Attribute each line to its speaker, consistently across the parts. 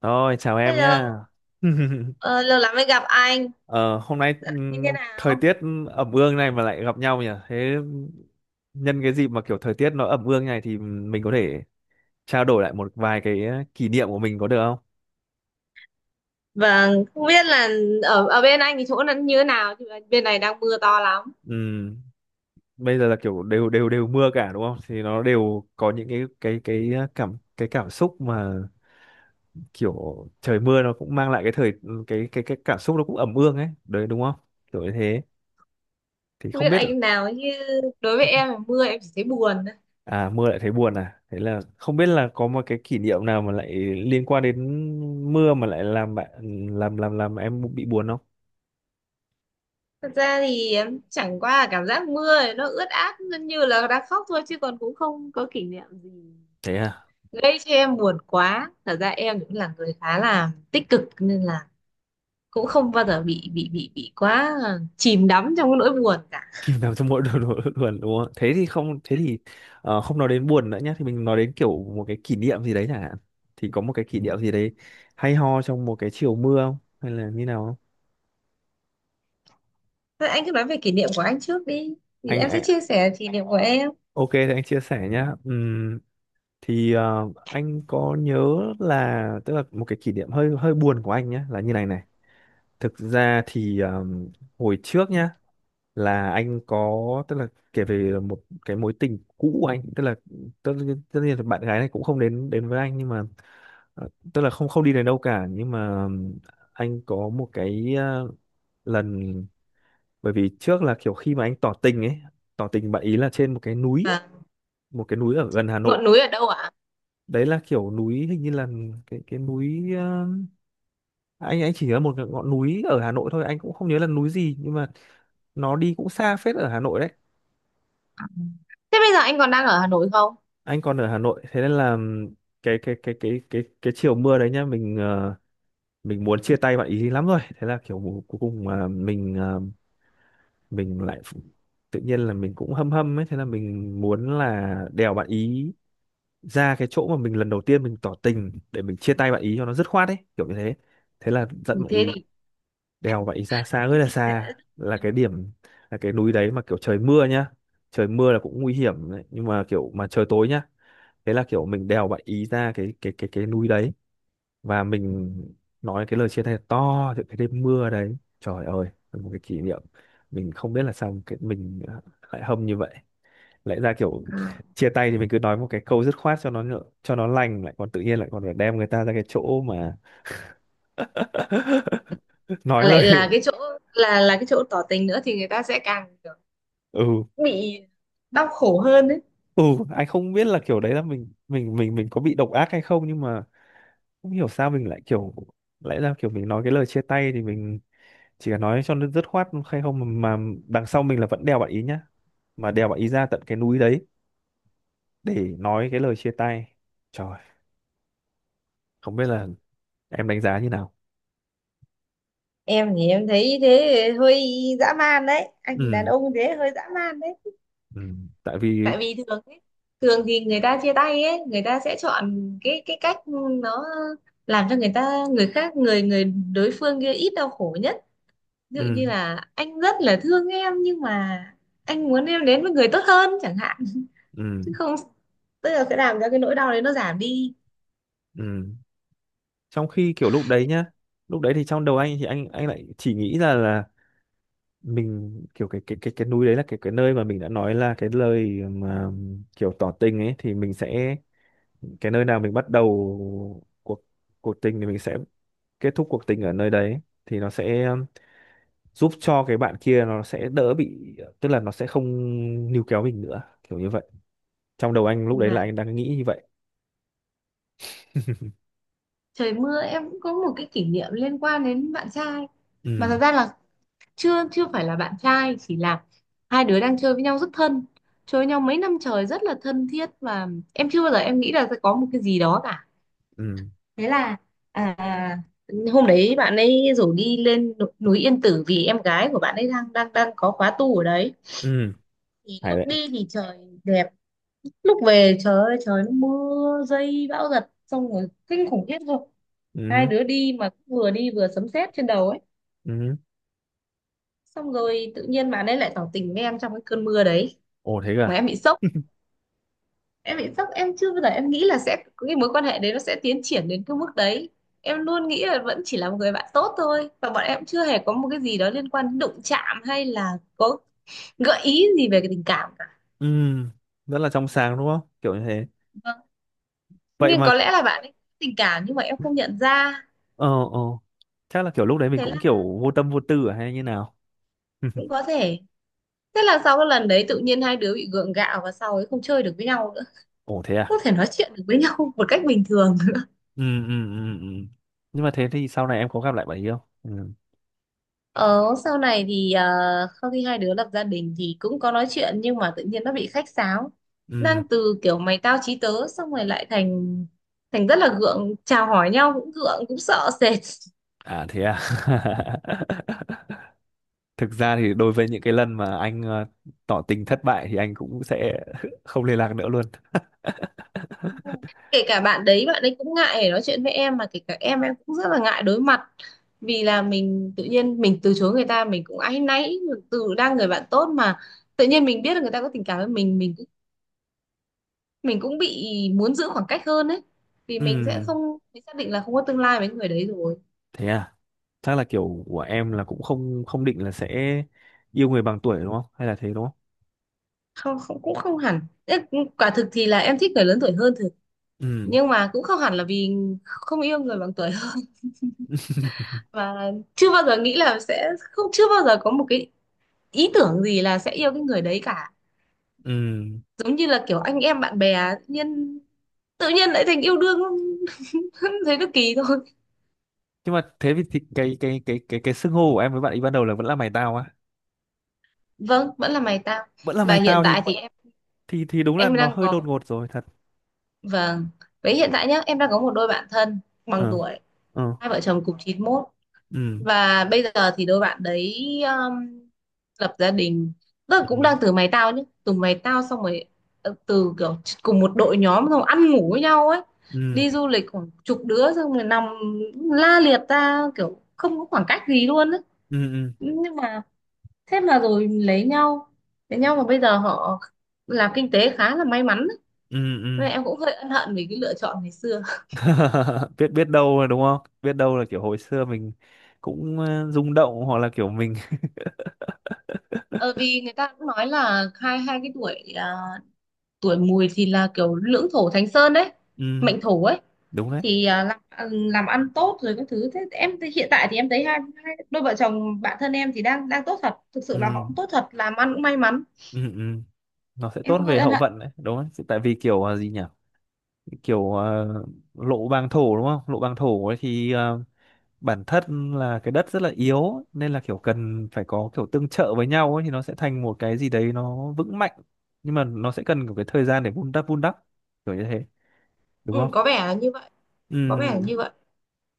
Speaker 1: Rồi, chào em nhá.
Speaker 2: Hello, lâu lắm mới gặp anh.
Speaker 1: Ờ, hôm nay
Speaker 2: Dạo như thế
Speaker 1: thời
Speaker 2: nào?
Speaker 1: tiết ẩm ương này mà lại gặp nhau nhỉ? Thế nhân cái dịp mà kiểu thời tiết nó ẩm ương này thì mình có thể trao đổi lại một vài cái kỷ niệm của mình có được không?
Speaker 2: Vâng, không biết là ở ở bên anh thì chỗ nó như thế nào, chứ bên này đang mưa to lắm.
Speaker 1: Ừm, Bây giờ là kiểu đều đều đều mưa cả đúng không? Thì nó đều có những cái cảm xúc mà kiểu trời mưa nó cũng mang lại cái thời ừ, cái cảm xúc nó cũng ẩm ương ấy, đấy đúng không? Kiểu như thế. Thì
Speaker 2: Không
Speaker 1: không
Speaker 2: biết
Speaker 1: biết.
Speaker 2: anh nào chứ đối với em là mưa em chỉ thấy buồn thôi.
Speaker 1: À, mưa lại thấy buồn à? Thế là không biết là có một cái kỷ niệm nào mà lại liên quan đến mưa mà lại làm bạn làm em bị buồn không?
Speaker 2: Thật ra thì em chẳng qua là cảm giác mưa thì nó ướt át, nó như là đang khóc thôi, chứ còn cũng không có kỷ niệm gì
Speaker 1: Thế à?
Speaker 2: gây cho em buồn quá. Thật ra em cũng là người khá là tích cực nên là cũng không bao giờ bị quá chìm đắm trong cái nỗi buồn cả.
Speaker 1: Kỷ niệm nào trong mỗi đồ đồ- buồn đúng không? Không nói đến buồn nữa nhá, thì mình nói đến kiểu một cái kỷ niệm gì đấy chẳng hạn. Thì có một cái kỷ niệm gì đấy hay ho trong một cái chiều mưa không? Hay là như nào không?
Speaker 2: Thôi anh cứ nói về kỷ niệm của anh trước đi thì
Speaker 1: Anh
Speaker 2: em sẽ chia
Speaker 1: anh
Speaker 2: sẻ kỷ niệm của em.
Speaker 1: ok thì anh chia sẻ nhá. Anh có nhớ là tức là một cái kỷ niệm hơi hơi buồn của anh nhá là như này này. Thực ra thì hồi trước nhá là anh có, tức là kể về một cái mối tình cũ của anh, tức là tất nhiên là bạn gái này cũng không đến đến với anh, nhưng mà tức là không không đi đến đâu cả, nhưng mà anh có một cái lần, bởi vì trước là kiểu khi mà anh tỏ tình ấy, tỏ tình bạn ý là trên một cái núi,
Speaker 2: À,
Speaker 1: một cái núi ở gần Hà
Speaker 2: ngọn
Speaker 1: Nội.
Speaker 2: núi ở đâu ạ?
Speaker 1: Đấy là kiểu núi hình như là cái núi ờ, anh chỉ nhớ một cái ngọn núi ở Hà Nội thôi, anh cũng không nhớ là núi gì, nhưng mà nó đi cũng xa phết ở Hà Nội đấy.
Speaker 2: Thế bây giờ anh còn đang ở Hà Nội không?
Speaker 1: Anh còn ở Hà Nội, thế nên là cái chiều mưa đấy nhá, mình mình muốn chia tay bạn ý lắm rồi, thế là kiểu cuối cùng mà mình mình lại ph- tự nhiên là mình cũng hâm hâm ấy, thế là mình muốn là đèo bạn ý ra cái chỗ mà mình lần đầu tiên mình tỏ tình để mình chia tay bạn ý cho nó dứt khoát ấy, kiểu như thế. Thế là dẫn
Speaker 2: Ừ,
Speaker 1: bạn
Speaker 2: thế
Speaker 1: ý,
Speaker 2: thì
Speaker 1: đèo bạn ý ra xa,
Speaker 2: thế
Speaker 1: rất là
Speaker 2: thì sẽ...
Speaker 1: xa, là cái điểm, là cái núi đấy mà kiểu trời mưa nhá, trời mưa là cũng nguy hiểm đấy. Nhưng mà kiểu mà trời tối nhá, thế là kiểu mình đèo bạn ý ra cái núi đấy và mình nói cái lời chia tay to từ cái đêm mưa đấy, trời ơi là một cái kỷ niệm. Mình không biết là sao cái mình à, lại hâm như vậy, lại ra kiểu chia tay thì mình cứ nói một cái câu dứt khoát cho cho nó lành, lại còn tự nhiên lại còn phải đem người ta ra cái chỗ mà nói
Speaker 2: Mà lại
Speaker 1: lời.
Speaker 2: là cái chỗ, là cái chỗ tỏ tình nữa thì người ta sẽ càng kiểu
Speaker 1: ừ
Speaker 2: bị đau khổ hơn đấy.
Speaker 1: ừ Anh không biết là kiểu đấy là mình có bị độc ác hay không, nhưng mà không hiểu sao mình lại kiểu, lẽ ra kiểu mình nói cái lời chia tay thì mình chỉ cần nói cho nó dứt khoát hay không mà, mà đằng sau mình là vẫn đèo bạn ý nhá, mà đèo bạn ý ra tận cái núi đấy để nói cái lời chia tay. Trời, không biết là em đánh giá như nào.
Speaker 2: Em thì em thấy thế hơi dã man đấy, anh đàn
Speaker 1: ừ
Speaker 2: ông thế hơi dã man đấy.
Speaker 1: ừ Tại vì
Speaker 2: Tại vì thường ấy, thường thì người ta chia tay ấy, người ta sẽ chọn cái cách nó làm cho người ta, người khác, người người đối phương kia ít đau khổ nhất. Ví dụ như
Speaker 1: ừ
Speaker 2: là anh rất là thương em nhưng mà anh muốn em đến với người tốt hơn chẳng hạn,
Speaker 1: ừ
Speaker 2: chứ không, tức là sẽ làm cho cái nỗi đau đấy nó giảm đi.
Speaker 1: ừ. Trong khi kiểu lúc đấy nhá, lúc đấy thì trong đầu anh thì anh lại chỉ nghĩ ra là mình kiểu cái núi đấy là cái nơi mà mình đã nói là cái lời mà kiểu tỏ tình ấy, thì mình sẽ, cái nơi nào mình bắt đầu cuộc, cuộc tình thì mình sẽ kết thúc cuộc tình ở nơi đấy, thì nó sẽ giúp cho cái bạn kia nó sẽ đỡ bị, tức là nó sẽ không níu kéo mình nữa, kiểu như vậy. Trong đầu anh lúc đấy là
Speaker 2: Và
Speaker 1: anh đang nghĩ như vậy.
Speaker 2: trời mưa em cũng có một cái kỷ niệm liên quan đến bạn trai, mà
Speaker 1: ừ
Speaker 2: thật ra là chưa chưa phải là bạn trai, chỉ là hai đứa đang chơi với nhau rất thân, chơi với nhau mấy năm trời rất là thân thiết, và em chưa bao giờ em nghĩ là sẽ có một cái gì đó cả.
Speaker 1: ừ
Speaker 2: Thế là, à, hôm đấy bạn ấy rủ đi lên núi Yên Tử vì em gái của bạn ấy đang đang đang có khóa tu ở đấy.
Speaker 1: ừ.
Speaker 2: Thì
Speaker 1: Hay
Speaker 2: lúc
Speaker 1: đấy.
Speaker 2: đi thì trời đẹp, lúc về trời ơi, trời nó mưa dây bão giật xong rồi kinh khủng khiếp luôn.
Speaker 1: ừ
Speaker 2: Hai
Speaker 1: hứ,
Speaker 2: đứa đi mà cũng vừa đi vừa sấm sét trên đầu ấy.
Speaker 1: ừ hứ.
Speaker 2: Xong rồi tự nhiên bạn ấy lại tỏ tình với em trong cái cơn mưa đấy,
Speaker 1: Ồ thế
Speaker 2: mà
Speaker 1: cả.
Speaker 2: em bị sốc, em bị sốc, em chưa bao giờ em nghĩ là sẽ cái mối quan hệ đấy nó sẽ tiến triển đến cái mức đấy. Em luôn nghĩ là vẫn chỉ là một người bạn tốt thôi, và bọn em chưa hề có một cái gì đó liên quan đến đụng chạm hay là có gợi ý gì về cái tình cảm cả.
Speaker 1: Ừ, rất là trong sáng đúng không, kiểu như thế.
Speaker 2: Vâng,
Speaker 1: Vậy
Speaker 2: nhưng có
Speaker 1: mà.
Speaker 2: lẽ là bạn ấy có tình cảm nhưng mà em không nhận ra.
Speaker 1: Ờ ờ, chắc là kiểu lúc đấy mình
Speaker 2: Thế là
Speaker 1: cũng kiểu vô tâm vô tư à hay như nào.
Speaker 2: cũng có thể, thế là sau cái lần đấy tự nhiên hai đứa bị gượng gạo và sau ấy không chơi được với nhau nữa.
Speaker 1: Ồ thế à?
Speaker 2: Không thể nói chuyện được với nhau một cách bình thường.
Speaker 1: Ừ. Nhưng mà thế thì sau này em có gặp lại bạn ấy không? Ừ.
Speaker 2: Ờ, sau này thì sau khi hai đứa lập gia đình thì cũng có nói chuyện nhưng mà tự nhiên nó bị khách sáo.
Speaker 1: ừ
Speaker 2: Đang từ kiểu mày tao chí tớ xong rồi lại thành thành rất là gượng, chào hỏi nhau cũng gượng, cũng sợ sệt.
Speaker 1: à thế à? Thực ra thì đối với những cái lần mà anh tỏ tình thất bại thì anh cũng sẽ không liên lạc nữa luôn.
Speaker 2: Kể cả bạn đấy, bạn ấy cũng ngại để nói chuyện với em, mà kể cả em cũng rất là ngại đối mặt. Vì là mình tự nhiên mình từ chối người ta mình cũng áy náy. Từ đang người bạn tốt mà tự nhiên mình biết là người ta có tình cảm với mình, mình cũng bị muốn giữ khoảng cách hơn ấy. Vì mình sẽ
Speaker 1: Ừm,
Speaker 2: không, mình xác định là không có tương lai với người đấy rồi.
Speaker 1: Thế à? Chắc là kiểu của em là cũng không không định là sẽ yêu người bằng tuổi đúng không, hay là thế đúng không.
Speaker 2: Không, không, cũng không hẳn. Ê, quả thực thì là em thích người lớn tuổi hơn thực.
Speaker 1: Ừm.
Speaker 2: Nhưng mà cũng không hẳn là vì không yêu người bằng tuổi hơn. Và chưa bao giờ nghĩ là sẽ không, chưa bao giờ có một cái ý tưởng gì là sẽ yêu cái người đấy cả.
Speaker 1: Ừm.
Speaker 2: Giống như là kiểu anh em bạn bè, tự nhiên lại thành yêu đương. Thấy nó kỳ thôi.
Speaker 1: Nhưng mà thế thì cái cái xưng hô của em với bạn ấy ban đầu là vẫn là mày tao á.
Speaker 2: Vâng, vẫn là mày tao.
Speaker 1: Vẫn là
Speaker 2: Và
Speaker 1: mày
Speaker 2: hiện
Speaker 1: tao thì,
Speaker 2: tại thì em
Speaker 1: thì đúng là
Speaker 2: em
Speaker 1: nó
Speaker 2: đang
Speaker 1: hơi đột
Speaker 2: có,
Speaker 1: ngột rồi thật.
Speaker 2: vâng, với hiện tại nhá, em đang có một đôi bạn thân bằng
Speaker 1: Ờ
Speaker 2: tuổi.
Speaker 1: ờ.
Speaker 2: Hai vợ chồng cùng 91.
Speaker 1: ừ
Speaker 2: Và bây giờ thì đôi bạn đấy, um, lập gia đình, tức là
Speaker 1: ừ
Speaker 2: cũng đang từ mày tao nhé, từ mày tao xong rồi, từ kiểu cùng một đội nhóm xong ăn ngủ với nhau ấy,
Speaker 1: ừ
Speaker 2: đi du lịch khoảng chục đứa xong rồi nằm la liệt ra kiểu không có khoảng cách gì luôn ấy.
Speaker 1: ừ
Speaker 2: Nhưng mà thế mà rồi lấy nhau, lấy nhau mà bây giờ họ làm kinh tế khá là may mắn ấy.
Speaker 1: ừ ừ
Speaker 2: Vậy em cũng hơi ân hận vì cái lựa chọn ngày xưa.
Speaker 1: Biết, biết đâu là đúng không, biết đâu là kiểu hồi xưa mình cũng rung động hoặc là kiểu mình.
Speaker 2: Ờ, vì người ta cũng nói là hai hai cái tuổi, à, tuổi mùi thì là kiểu lưỡng thổ thánh sơn đấy,
Speaker 1: Ừ,
Speaker 2: mệnh thổ ấy
Speaker 1: đúng đấy.
Speaker 2: thì, à, làm, làm ăn tốt rồi các thứ. Thế em thì hiện tại thì em thấy hai đôi vợ chồng bạn thân em thì đang đang tốt thật, thực
Speaker 1: ừ,
Speaker 2: sự là họ cũng tốt thật, làm ăn cũng may mắn.
Speaker 1: ừ, ừ. Nó sẽ
Speaker 2: Em
Speaker 1: tốt
Speaker 2: cũng hơi
Speaker 1: về
Speaker 2: ân
Speaker 1: hậu
Speaker 2: hận.
Speaker 1: vận đấy, đúng đấy, tại vì kiểu gì nhỉ, kiểu lộ bàng thổ đúng không, lộ bàng thổ ấy, thì bản thân là cái đất rất là yếu nên là kiểu cần phải có kiểu tương trợ với nhau ấy thì nó sẽ thành một cái gì đấy nó vững mạnh, nhưng mà nó sẽ cần một cái thời gian để vun đắp, vun đắp, kiểu như thế đúng
Speaker 2: Ừ,
Speaker 1: không.
Speaker 2: có vẻ là như vậy, có vẻ là
Speaker 1: ừ
Speaker 2: như vậy.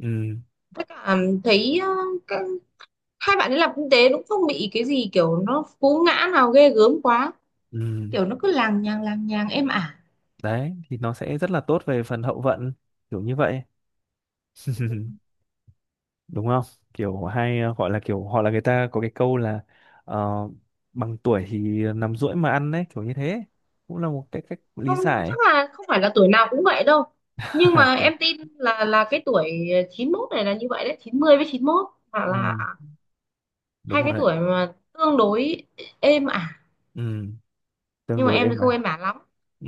Speaker 1: ừ
Speaker 2: Tất cả thấy, các, hai bạn ấy làm kinh tế cũng không bị cái gì kiểu nó cú ngã nào ghê gớm quá.
Speaker 1: ừ ừ.
Speaker 2: Kiểu nó cứ làng nhàng êm ả.
Speaker 1: Đấy thì nó sẽ rất là tốt về phần hậu vận, kiểu như vậy. Đúng không, kiểu hay gọi là kiểu họ là người ta có cái câu là ờ, bằng tuổi thì nằm duỗi mà ăn đấy, kiểu như thế, cũng là một cái cách lý
Speaker 2: Không, chắc
Speaker 1: giải.
Speaker 2: là không phải là tuổi nào cũng vậy đâu, nhưng mà em
Speaker 1: Kiểu,
Speaker 2: tin là cái tuổi 91 này là như vậy đấy. 90 với 91 hoặc là
Speaker 1: ừ,
Speaker 2: hai
Speaker 1: đúng
Speaker 2: cái
Speaker 1: rồi đấy.
Speaker 2: tuổi mà tương đối êm ả.
Speaker 1: Ừ, tương
Speaker 2: Nhưng mà
Speaker 1: đối
Speaker 2: em thì
Speaker 1: êm
Speaker 2: không
Speaker 1: à.
Speaker 2: êm ả lắm.
Speaker 1: Ừ,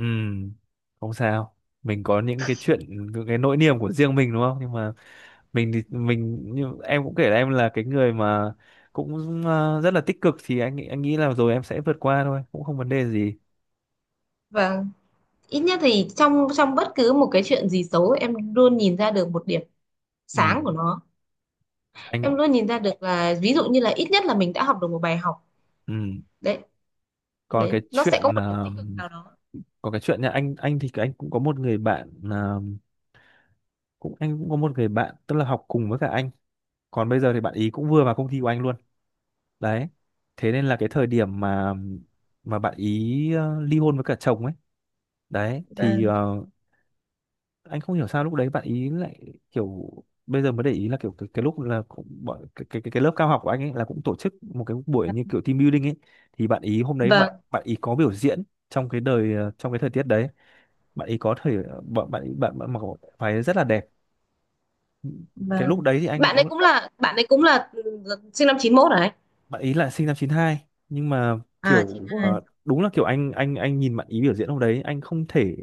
Speaker 1: không sao, mình có những cái chuyện, những cái nỗi niềm của riêng mình đúng không, nhưng mà mình thì mình, như em cũng kể là em là cái người mà cũng rất là tích cực, thì anh nghĩ là rồi em sẽ vượt qua thôi, cũng không vấn đề gì.
Speaker 2: Và ít nhất thì trong trong bất cứ một cái chuyện gì xấu em luôn nhìn ra được một điểm
Speaker 1: Ừ,
Speaker 2: sáng của nó.
Speaker 1: anh.
Speaker 2: Em luôn nhìn ra được là ví dụ như là ít nhất là mình đã học được một bài học
Speaker 1: Ừ.
Speaker 2: đấy,
Speaker 1: còn
Speaker 2: đấy
Speaker 1: cái
Speaker 2: nó sẽ có
Speaker 1: chuyện
Speaker 2: một điểm
Speaker 1: ờ,
Speaker 2: tích cực nào đó.
Speaker 1: Còn cái chuyện nha, anh thì anh cũng có một người bạn cũng, anh cũng có một người bạn tức là học cùng với cả anh, còn bây giờ thì bạn ý cũng vừa vào công ty của anh luôn đấy. Thế nên là cái thời điểm mà bạn ý ly hôn với cả chồng ấy, đấy thì
Speaker 2: Vâng.
Speaker 1: anh không hiểu sao lúc đấy bạn ý lại kiểu, bây giờ mới để ý là kiểu cái lúc là cũng bọn cái, cái lớp cao học của anh ấy là cũng tổ chức một cái buổi như kiểu team building ấy, thì bạn ý hôm đấy bạn
Speaker 2: Vâng.
Speaker 1: bạn ý có biểu diễn trong trong cái thời tiết đấy. Bạn ý có thời, bạn bạn ý bạn, bạn mặc váy rất là đẹp. Cái lúc
Speaker 2: Vâng.
Speaker 1: đấy thì anh
Speaker 2: bạn ấy
Speaker 1: đúng,
Speaker 2: cũng là bạn ấy cũng là sinh năm 91 hả anh?
Speaker 1: bạn ý là sinh năm 92, nhưng mà
Speaker 2: À,
Speaker 1: kiểu
Speaker 2: 92.
Speaker 1: đúng là kiểu anh nhìn bạn ý biểu diễn hôm đấy anh không thể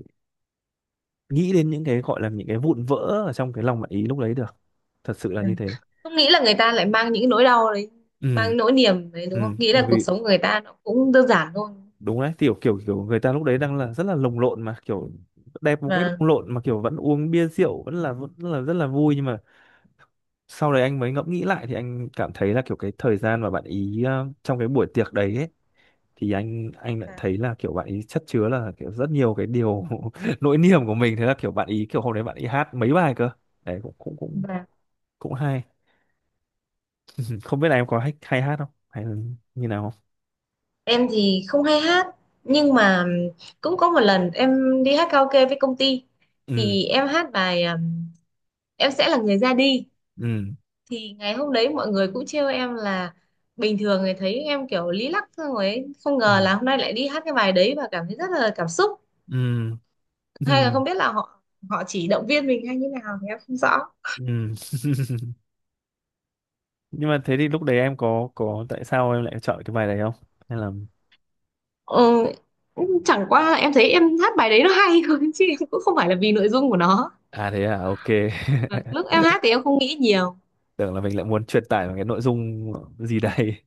Speaker 1: nghĩ đến những cái gọi là những cái vụn vỡ ở trong cái lòng bạn ý lúc đấy được, thật sự là
Speaker 2: Ừ.
Speaker 1: như thế.
Speaker 2: Không nghĩ là người ta lại mang những nỗi đau đấy,
Speaker 1: Ừ.
Speaker 2: mang nỗi niềm đấy, đúng không?
Speaker 1: Ừ,
Speaker 2: Nghĩ
Speaker 1: bởi
Speaker 2: là cuộc
Speaker 1: vì
Speaker 2: sống của người ta nó cũng đơn giản thôi.
Speaker 1: đúng đấy, kiểu kiểu kiểu người ta lúc đấy đang là rất là lồng lộn mà kiểu đẹp một cách
Speaker 2: Vâng.
Speaker 1: lồng lộn mà kiểu vẫn uống bia rượu, vẫn là rất là vui, nhưng mà sau đấy anh mới ngẫm nghĩ lại thì anh cảm thấy là kiểu cái thời gian mà bạn ý trong cái buổi tiệc đấy ấy, thì anh lại
Speaker 2: Vâng.
Speaker 1: thấy là kiểu bạn ý chất chứa là kiểu rất nhiều cái điều nỗi niềm của mình, thế là kiểu bạn ý kiểu hôm đấy bạn ý hát mấy bài cơ đấy, cũng
Speaker 2: Vâng.
Speaker 1: cũng hay. Ừ, không biết là em có hay, hay hát không hay là như nào không.
Speaker 2: Em thì không hay hát, nhưng mà cũng có một lần em đi hát karaoke với công ty
Speaker 1: ừ
Speaker 2: thì em hát bài Em sẽ là người ra đi.
Speaker 1: ừ
Speaker 2: Thì ngày hôm đấy mọi người cũng trêu em là bình thường người thấy em kiểu lý lắc xong ấy. Không
Speaker 1: ừ
Speaker 2: ngờ là hôm nay lại đi hát cái bài đấy và cảm thấy rất là cảm xúc,
Speaker 1: ừ
Speaker 2: hay là không biết là họ họ chỉ động viên mình hay như nào thì em không rõ.
Speaker 1: Ừ. Nhưng mà thế thì lúc đấy em có tại sao em lại chọn cái bài đấy không? Hay là,
Speaker 2: Ừ, chẳng qua là em thấy em hát bài đấy nó hay thôi, chứ em cũng không phải là vì nội dung của nó.
Speaker 1: à thế à, ok,
Speaker 2: Lúc em hát thì em không nghĩ nhiều.
Speaker 1: tưởng là mình lại muốn truyền tải một cái nội dung gì đấy.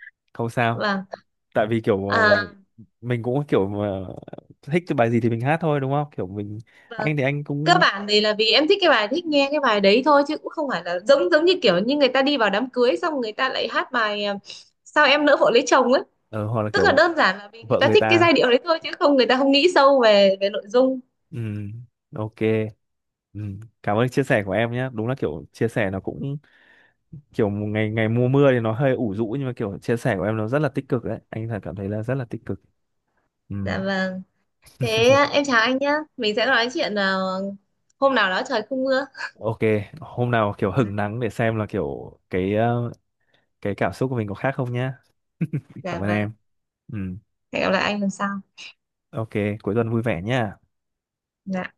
Speaker 1: Không sao.
Speaker 2: Vâng.
Speaker 1: Tại vì kiểu
Speaker 2: À,
Speaker 1: mình cũng kiểu mà thích cái bài gì thì mình hát thôi đúng không? Kiểu mình,
Speaker 2: vâng.
Speaker 1: anh thì anh
Speaker 2: Cơ
Speaker 1: cũng
Speaker 2: bản thì là vì em thích cái bài, thích nghe cái bài đấy thôi, chứ cũng không phải là giống, giống như kiểu như người ta đi vào đám cưới xong người ta lại hát bài, à, sao em nỡ vội lấy chồng ấy.
Speaker 1: ờ, hoặc là
Speaker 2: Tức là
Speaker 1: kiểu
Speaker 2: đơn giản là vì người
Speaker 1: vợ
Speaker 2: ta
Speaker 1: người
Speaker 2: thích cái
Speaker 1: ta.
Speaker 2: giai điệu đấy thôi, chứ không, người ta không nghĩ sâu về về nội dung.
Speaker 1: Ừ. Ok. Ừ. Cảm ơn chia sẻ của em nhé. Đúng là kiểu chia sẻ nó cũng kiểu một ngày, ngày mùa mưa thì nó hơi ủ rũ nhưng mà kiểu chia sẻ của em nó rất là tích cực đấy. Anh thật cảm thấy là rất là tích cực. Ừ.
Speaker 2: Dạ vâng. Thế à, em chào anh nhá, mình sẽ nói chuyện, à, hôm nào đó trời không mưa.
Speaker 1: Ok, hôm nào kiểu hứng nắng để xem là kiểu cái cái cảm xúc của mình có khác không nhá. Cảm
Speaker 2: Dạ
Speaker 1: ơn
Speaker 2: vâng.
Speaker 1: em. Ừ.
Speaker 2: Hẹn gặp lại anh lần sau.
Speaker 1: Ok, cuối tuần vui vẻ nhá.
Speaker 2: Dạ.